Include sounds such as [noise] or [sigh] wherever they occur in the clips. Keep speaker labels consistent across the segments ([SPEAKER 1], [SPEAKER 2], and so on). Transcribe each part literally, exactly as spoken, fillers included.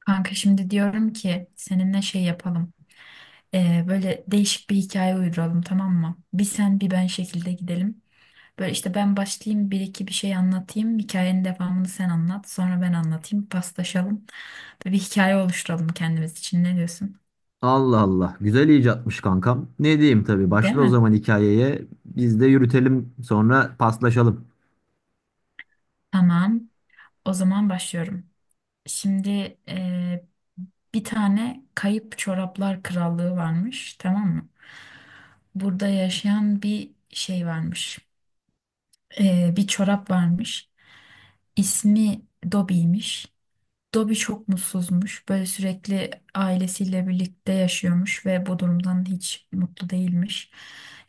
[SPEAKER 1] Kanka şimdi diyorum ki seninle şey yapalım. Ee, böyle değişik bir hikaye uyduralım, tamam mı? Bir sen bir ben şekilde gidelim. Böyle işte ben başlayayım, bir iki bir şey anlatayım. Hikayenin devamını sen anlat. Sonra ben anlatayım. Paslaşalım. Böyle bir hikaye oluşturalım kendimiz için. Ne diyorsun?
[SPEAKER 2] Allah Allah. Güzel icatmış kankam. Ne diyeyim tabii.
[SPEAKER 1] Değil
[SPEAKER 2] Başla o
[SPEAKER 1] mi?
[SPEAKER 2] zaman hikayeye. Biz de yürütelim. Sonra paslaşalım.
[SPEAKER 1] Tamam. O zaman başlıyorum. Şimdi e, bir tane kayıp çoraplar krallığı varmış, tamam mı? Burada yaşayan bir şey varmış. E, bir çorap varmış. İsmi Dobby'ymiş. Dobby çok mutsuzmuş. Böyle sürekli ailesiyle birlikte yaşıyormuş ve bu durumdan hiç mutlu değilmiş.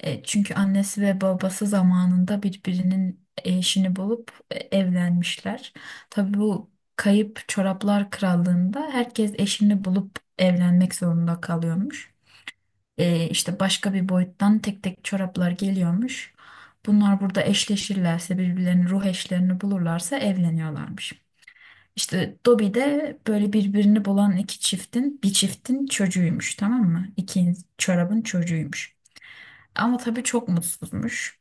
[SPEAKER 1] E, çünkü annesi ve babası zamanında birbirinin eşini bulup e, evlenmişler. Tabii bu kayıp çoraplar krallığında herkes eşini bulup evlenmek zorunda kalıyormuş, e, işte başka bir boyuttan tek tek çoraplar geliyormuş. Bunlar burada eşleşirlerse, birbirlerini ruh eşlerini bulurlarsa evleniyorlarmış. İşte Dobby de böyle birbirini bulan iki çiftin bir çiftin çocuğuymuş, tamam mı? İki çorabın çocuğuymuş. Ama tabii çok mutsuzmuş.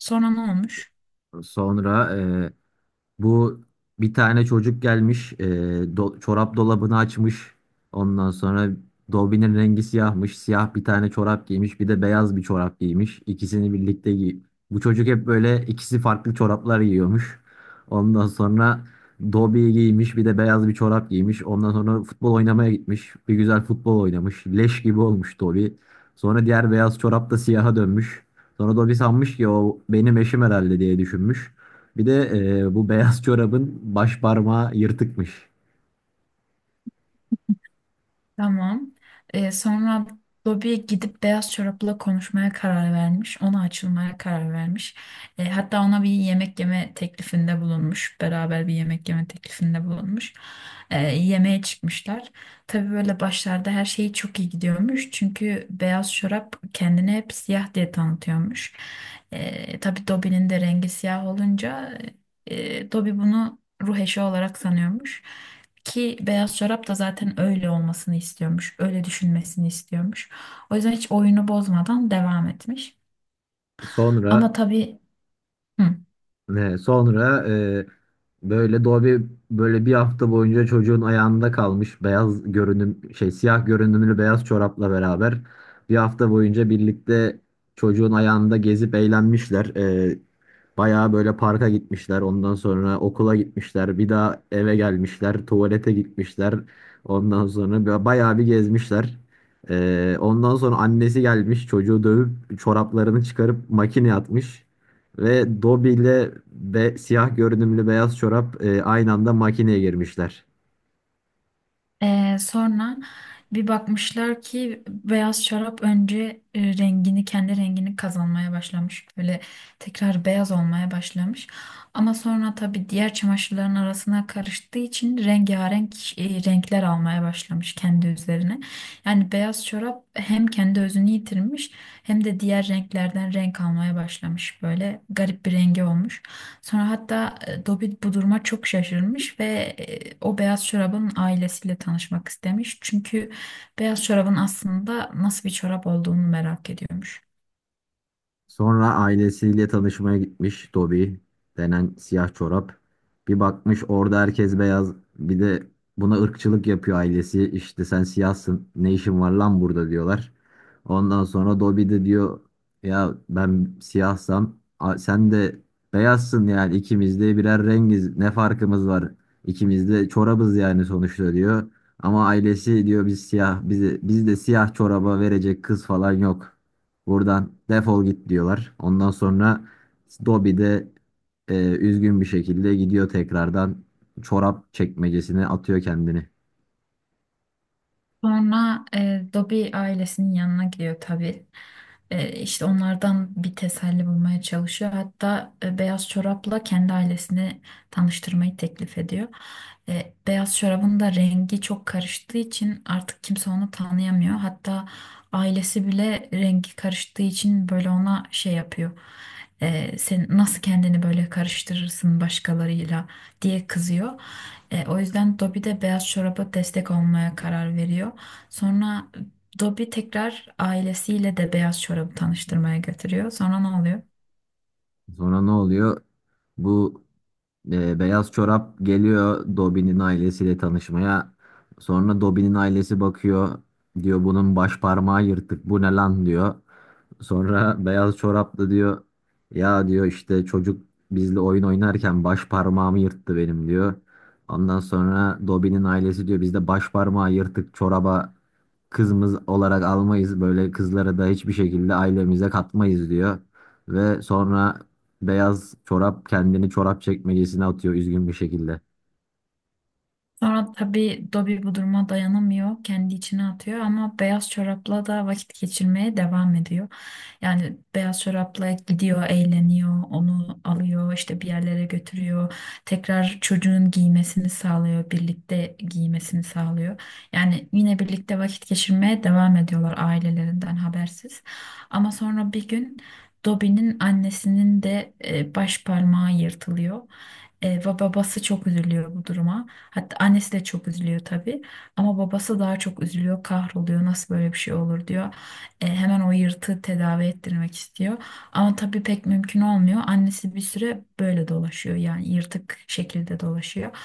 [SPEAKER 1] Sonra ne olmuş?
[SPEAKER 2] Sonra e, Bu bir tane çocuk gelmiş, e, do- çorap dolabını açmış. Ondan sonra dolbinin rengi siyahmış. Siyah bir tane çorap giymiş, bir de beyaz bir çorap giymiş. İkisini birlikte giy. Bu çocuk hep böyle ikisi farklı çoraplar giyiyormuş. Ondan sonra Dobi'yi giymiş, bir de beyaz bir çorap giymiş. Ondan sonra futbol oynamaya gitmiş. Bir güzel futbol oynamış. Leş gibi olmuş Dobi. Sonra diğer beyaz çorap da siyaha dönmüş. Sonra Dobi sanmış ki o benim eşim herhalde diye düşünmüş. Bir de e, bu beyaz çorabın baş parmağı yırtıkmış.
[SPEAKER 1] Tamam. Ee, sonra Bobby gidip Beyaz Çorap'la konuşmaya karar vermiş. Ona açılmaya karar vermiş. Ee, hatta ona bir yemek yeme teklifinde bulunmuş. Beraber bir yemek yeme teklifinde bulunmuş. Ee, yemeğe çıkmışlar. Tabii böyle başlarda her şey çok iyi gidiyormuş. Çünkü Beyaz Çorap kendini hep siyah diye tanıtıyormuş. Ee, tabii Dobby'nin de rengi siyah olunca e, Dobby bunu ruh eşi olarak sanıyormuş. Ki beyaz çorap da zaten öyle olmasını istiyormuş. Öyle düşünmesini istiyormuş. O yüzden hiç oyunu bozmadan devam etmiş. Ama
[SPEAKER 2] Sonra
[SPEAKER 1] tabii hı.
[SPEAKER 2] ne? Sonra e, böyle Dobby böyle bir hafta boyunca çocuğun ayağında kalmış beyaz görünüm şey siyah görünümlü beyaz çorapla beraber bir hafta boyunca birlikte çocuğun ayağında gezip eğlenmişler. E, Bayağı böyle parka gitmişler, ondan sonra okula gitmişler, bir daha eve gelmişler, tuvalete gitmişler. Ondan sonra ba- bayağı bir gezmişler. Ee, ondan sonra annesi gelmiş, çocuğu dövüp çoraplarını çıkarıp makineye atmış. Ve Dobby ile be, siyah görünümlü beyaz çorap e, aynı anda makineye girmişler.
[SPEAKER 1] Ee, sonra bir bakmışlar ki beyaz şarap önce e, rengini kendi rengini kazanmaya başlamış. Böyle tekrar beyaz olmaya başlamış. Ama sonra tabii diğer çamaşırların arasına karıştığı için rengarenk, e, renkler almaya başlamış kendi üzerine. Yani beyaz şarap hem kendi özünü yitirmiş hem de diğer renklerden renk almaya başlamış. Böyle garip bir rengi olmuş. Sonra hatta e, Dobby bu duruma çok şaşırmış ve e, o beyaz çorabın ailesiyle tanışmak istemiş. Çünkü beyaz çorabın aslında nasıl bir çorap olduğunu merak ediyormuş.
[SPEAKER 2] Sonra ailesiyle tanışmaya gitmiş Toby denen siyah çorap. Bir bakmış orada herkes beyaz. Bir de buna ırkçılık yapıyor ailesi. İşte sen siyahsın ne işin var lan burada diyorlar. Ondan sonra Dobby de diyor ya ben siyahsam a- sen de beyazsın yani ikimiz de birer rengiz ne farkımız var? İkimiz de çorabız yani sonuçta diyor. Ama ailesi diyor biz siyah bizi biz de siyah çoraba verecek kız falan yok. Buradan defol git diyorlar. Ondan sonra Dobby de e, üzgün bir şekilde gidiyor tekrardan çorap çekmecesine atıyor kendini.
[SPEAKER 1] Sonra e, Dobby ailesinin yanına gidiyor tabii. E, işte onlardan bir teselli bulmaya çalışıyor. Hatta e, beyaz çorapla kendi ailesini tanıştırmayı teklif ediyor. E, beyaz çorabın da rengi çok karıştığı için artık kimse onu tanıyamıyor. Hatta ailesi bile rengi karıştığı için böyle ona şey yapıyor. E, sen nasıl kendini böyle karıştırırsın başkalarıyla diye kızıyor. E, o yüzden Dobby de beyaz çoraba destek olmaya karar veriyor. Sonra Dobby tekrar ailesiyle de beyaz çorabı tanıştırmaya götürüyor. Sonra ne oluyor?
[SPEAKER 2] Sonra ne oluyor? Bu e, Beyaz çorap geliyor Dobby'nin ailesiyle tanışmaya. Sonra Dobby'nin ailesi bakıyor. Diyor bunun baş parmağı yırtık. Bu ne lan diyor. Sonra beyaz çoraplı diyor ya diyor işte çocuk bizle oyun oynarken baş parmağımı yırttı benim diyor. Ondan sonra Dobby'nin ailesi diyor biz de baş parmağı yırtık çoraba kızımız olarak almayız. Böyle kızları da hiçbir şekilde ailemize katmayız diyor. Ve sonra beyaz çorap kendini çorap çekmecesine atıyor üzgün bir şekilde.
[SPEAKER 1] Sonra tabii Dobby bu duruma dayanamıyor. Kendi içine atıyor ama beyaz çorapla da vakit geçirmeye devam ediyor. Yani beyaz çorapla gidiyor, eğleniyor, onu alıyor, işte bir yerlere götürüyor. Tekrar çocuğun giymesini sağlıyor, birlikte giymesini sağlıyor. Yani yine birlikte vakit geçirmeye devam ediyorlar ailelerinden habersiz. Ama sonra bir gün Dobby'nin annesinin de e, baş parmağı yırtılıyor. E, ve babası çok üzülüyor bu duruma. Hatta annesi de çok üzülüyor tabii. Ama babası daha çok üzülüyor, kahroluyor. Nasıl böyle bir şey olur diyor. E, hemen o yırtığı tedavi ettirmek istiyor. Ama tabii pek mümkün olmuyor. Annesi bir süre böyle dolaşıyor. Yani yırtık şekilde dolaşıyor.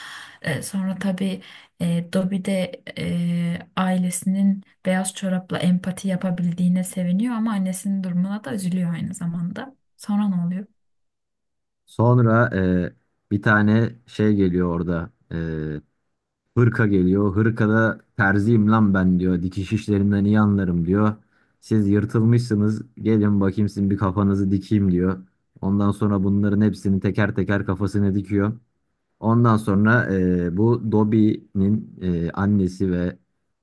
[SPEAKER 1] E, sonra tabii e, Dobby de e, ailesinin beyaz çorapla empati yapabildiğine seviniyor. Ama annesinin durumuna da üzülüyor aynı zamanda. Sonra ne oluyor?
[SPEAKER 2] Sonra e, bir tane şey geliyor orada. E, hırka geliyor. Hırkada terziyim lan ben diyor. Dikiş işlerinden iyi anlarım diyor. Siz yırtılmışsınız. Gelin bakayım sizin bir kafanızı dikeyim diyor. Ondan sonra bunların hepsini teker teker kafasına dikiyor. Ondan sonra e, bu Dobby'nin e, annesi ve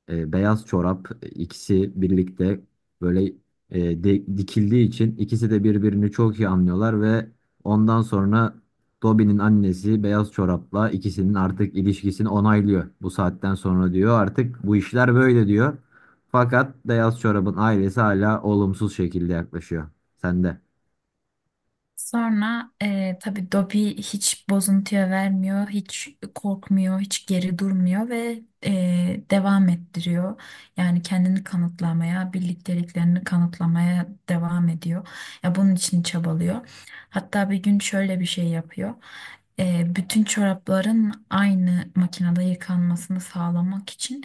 [SPEAKER 2] e, beyaz çorap e, ikisi birlikte böyle e, di- dikildiği için ikisi de birbirini çok iyi anlıyorlar ve ondan sonra Dobby'nin annesi beyaz çorapla ikisinin artık ilişkisini onaylıyor. Bu saatten sonra diyor artık bu işler böyle diyor. Fakat beyaz çorabın ailesi hala olumsuz şekilde yaklaşıyor. Sende.
[SPEAKER 1] Sonra e, tabii Dobby hiç bozuntuya vermiyor, hiç korkmuyor, hiç geri durmuyor ve e, devam ettiriyor. Yani kendini kanıtlamaya, birlikteliklerini kanıtlamaya devam ediyor. Ya bunun için çabalıyor. Hatta bir gün şöyle bir şey yapıyor. E, bütün çorapların aynı makinede yıkanmasını sağlamak için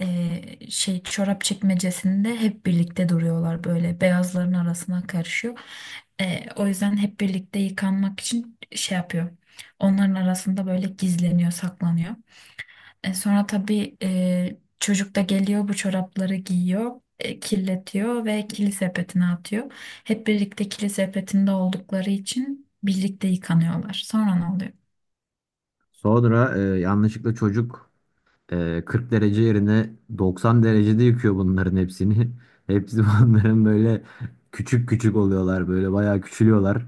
[SPEAKER 1] e, şey çorap çekmecesinde hep birlikte duruyorlar, böyle beyazların arasına karışıyor. E, o yüzden hep birlikte yıkanmak için şey yapıyor. Onların arasında böyle gizleniyor, saklanıyor. E, sonra tabii e, çocuk da geliyor bu çorapları giyiyor. E, kirletiyor ve kili sepetine atıyor. Hep birlikte kili sepetinde oldukları için birlikte yıkanıyorlar. Sonra ne oluyor?
[SPEAKER 2] Sonra e, yanlışlıkla çocuk Ee, kırk derece yerine doksan derecede yıkıyor bunların hepsini. [laughs] Hepsi bunların böyle küçük küçük oluyorlar böyle bayağı küçülüyorlar.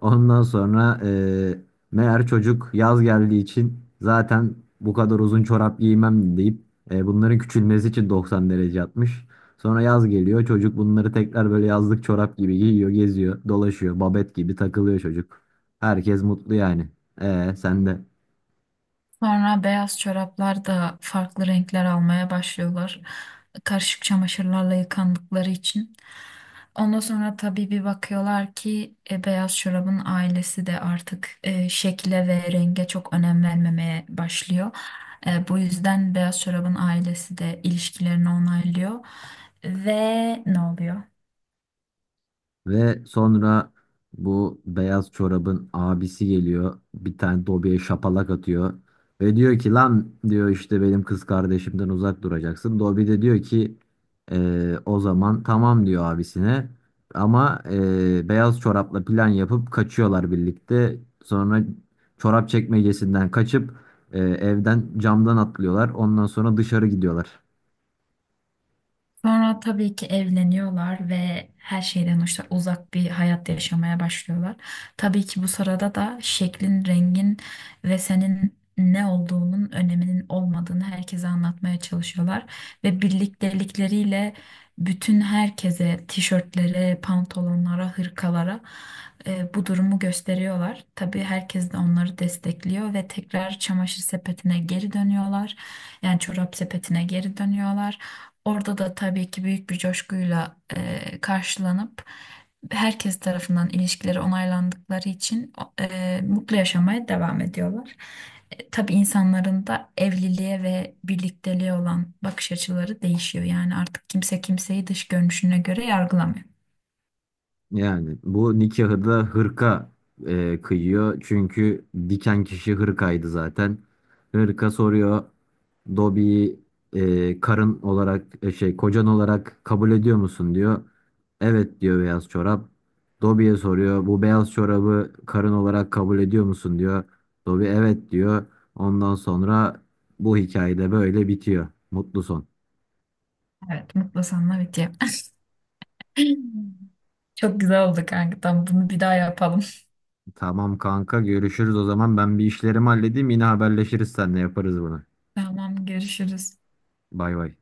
[SPEAKER 2] Ondan sonra e, meğer çocuk yaz geldiği için zaten bu kadar uzun çorap giymem deyip e, bunların küçülmesi için doksan derece atmış. Sonra yaz geliyor çocuk bunları tekrar böyle yazlık çorap gibi giyiyor geziyor dolaşıyor babet gibi takılıyor çocuk. Herkes mutlu yani. E sen de.
[SPEAKER 1] Sonra beyaz çoraplar da farklı renkler almaya başlıyorlar. Karışık çamaşırlarla yıkandıkları için. Ondan sonra tabii bir bakıyorlar ki e, beyaz çorabın ailesi de artık e, şekle ve renge çok önem vermemeye başlıyor. E, bu yüzden beyaz çorabın ailesi de ilişkilerini onaylıyor. Ve ne oluyor?
[SPEAKER 2] Ve sonra bu beyaz çorabın abisi geliyor. Bir tane Dobby'ye şapalak atıyor. Ve diyor ki lan diyor işte benim kız kardeşimden uzak duracaksın. Dobby de diyor ki "Ee, o zaman tamam" diyor abisine. Ama ee, beyaz çorapla plan yapıp kaçıyorlar birlikte. Sonra çorap çekmecesinden kaçıp ee, evden camdan atlıyorlar. Ondan sonra dışarı gidiyorlar.
[SPEAKER 1] Sonra tabii ki evleniyorlar ve her şeyden işte uzak bir hayat yaşamaya başlıyorlar. Tabii ki bu sırada da şeklin, rengin ve senin ne olduğunun öneminin olmadığını herkese anlatmaya çalışıyorlar. Ve birliktelikleriyle bütün herkese, tişörtlere, pantolonlara, hırkalara e, bu durumu gösteriyorlar. Tabii herkes de onları destekliyor ve tekrar çamaşır sepetine geri dönüyorlar. Yani çorap sepetine geri dönüyorlar. Orada da tabii ki büyük bir coşkuyla e, karşılanıp herkes tarafından ilişkileri onaylandıkları için e, mutlu yaşamaya devam ediyorlar. E, tabii insanların da evliliğe ve birlikteliğe olan bakış açıları değişiyor. Yani artık kimse kimseyi dış görünüşüne göre yargılamıyor.
[SPEAKER 2] Yani bu nikahı da hırka e, kıyıyor. Çünkü diken kişi hırkaydı zaten. Hırka soruyor. Dobi'yi e, karın olarak e, şey kocan olarak kabul ediyor musun diyor. Evet diyor beyaz çorap. Dobi'ye soruyor. Bu beyaz çorabı karın olarak kabul ediyor musun diyor. Dobi evet diyor. Ondan sonra bu hikayede böyle bitiyor. Mutlu son.
[SPEAKER 1] Evet, mutlu sanma bitiyor. [laughs] Çok güzel oldu kanka. Tamam, bunu bir daha yapalım.
[SPEAKER 2] Tamam kanka, görüşürüz o zaman. Ben bir işlerimi halledeyim. Yine haberleşiriz seninle, yaparız bunu.
[SPEAKER 1] [laughs] Tamam, görüşürüz.
[SPEAKER 2] Bay bay.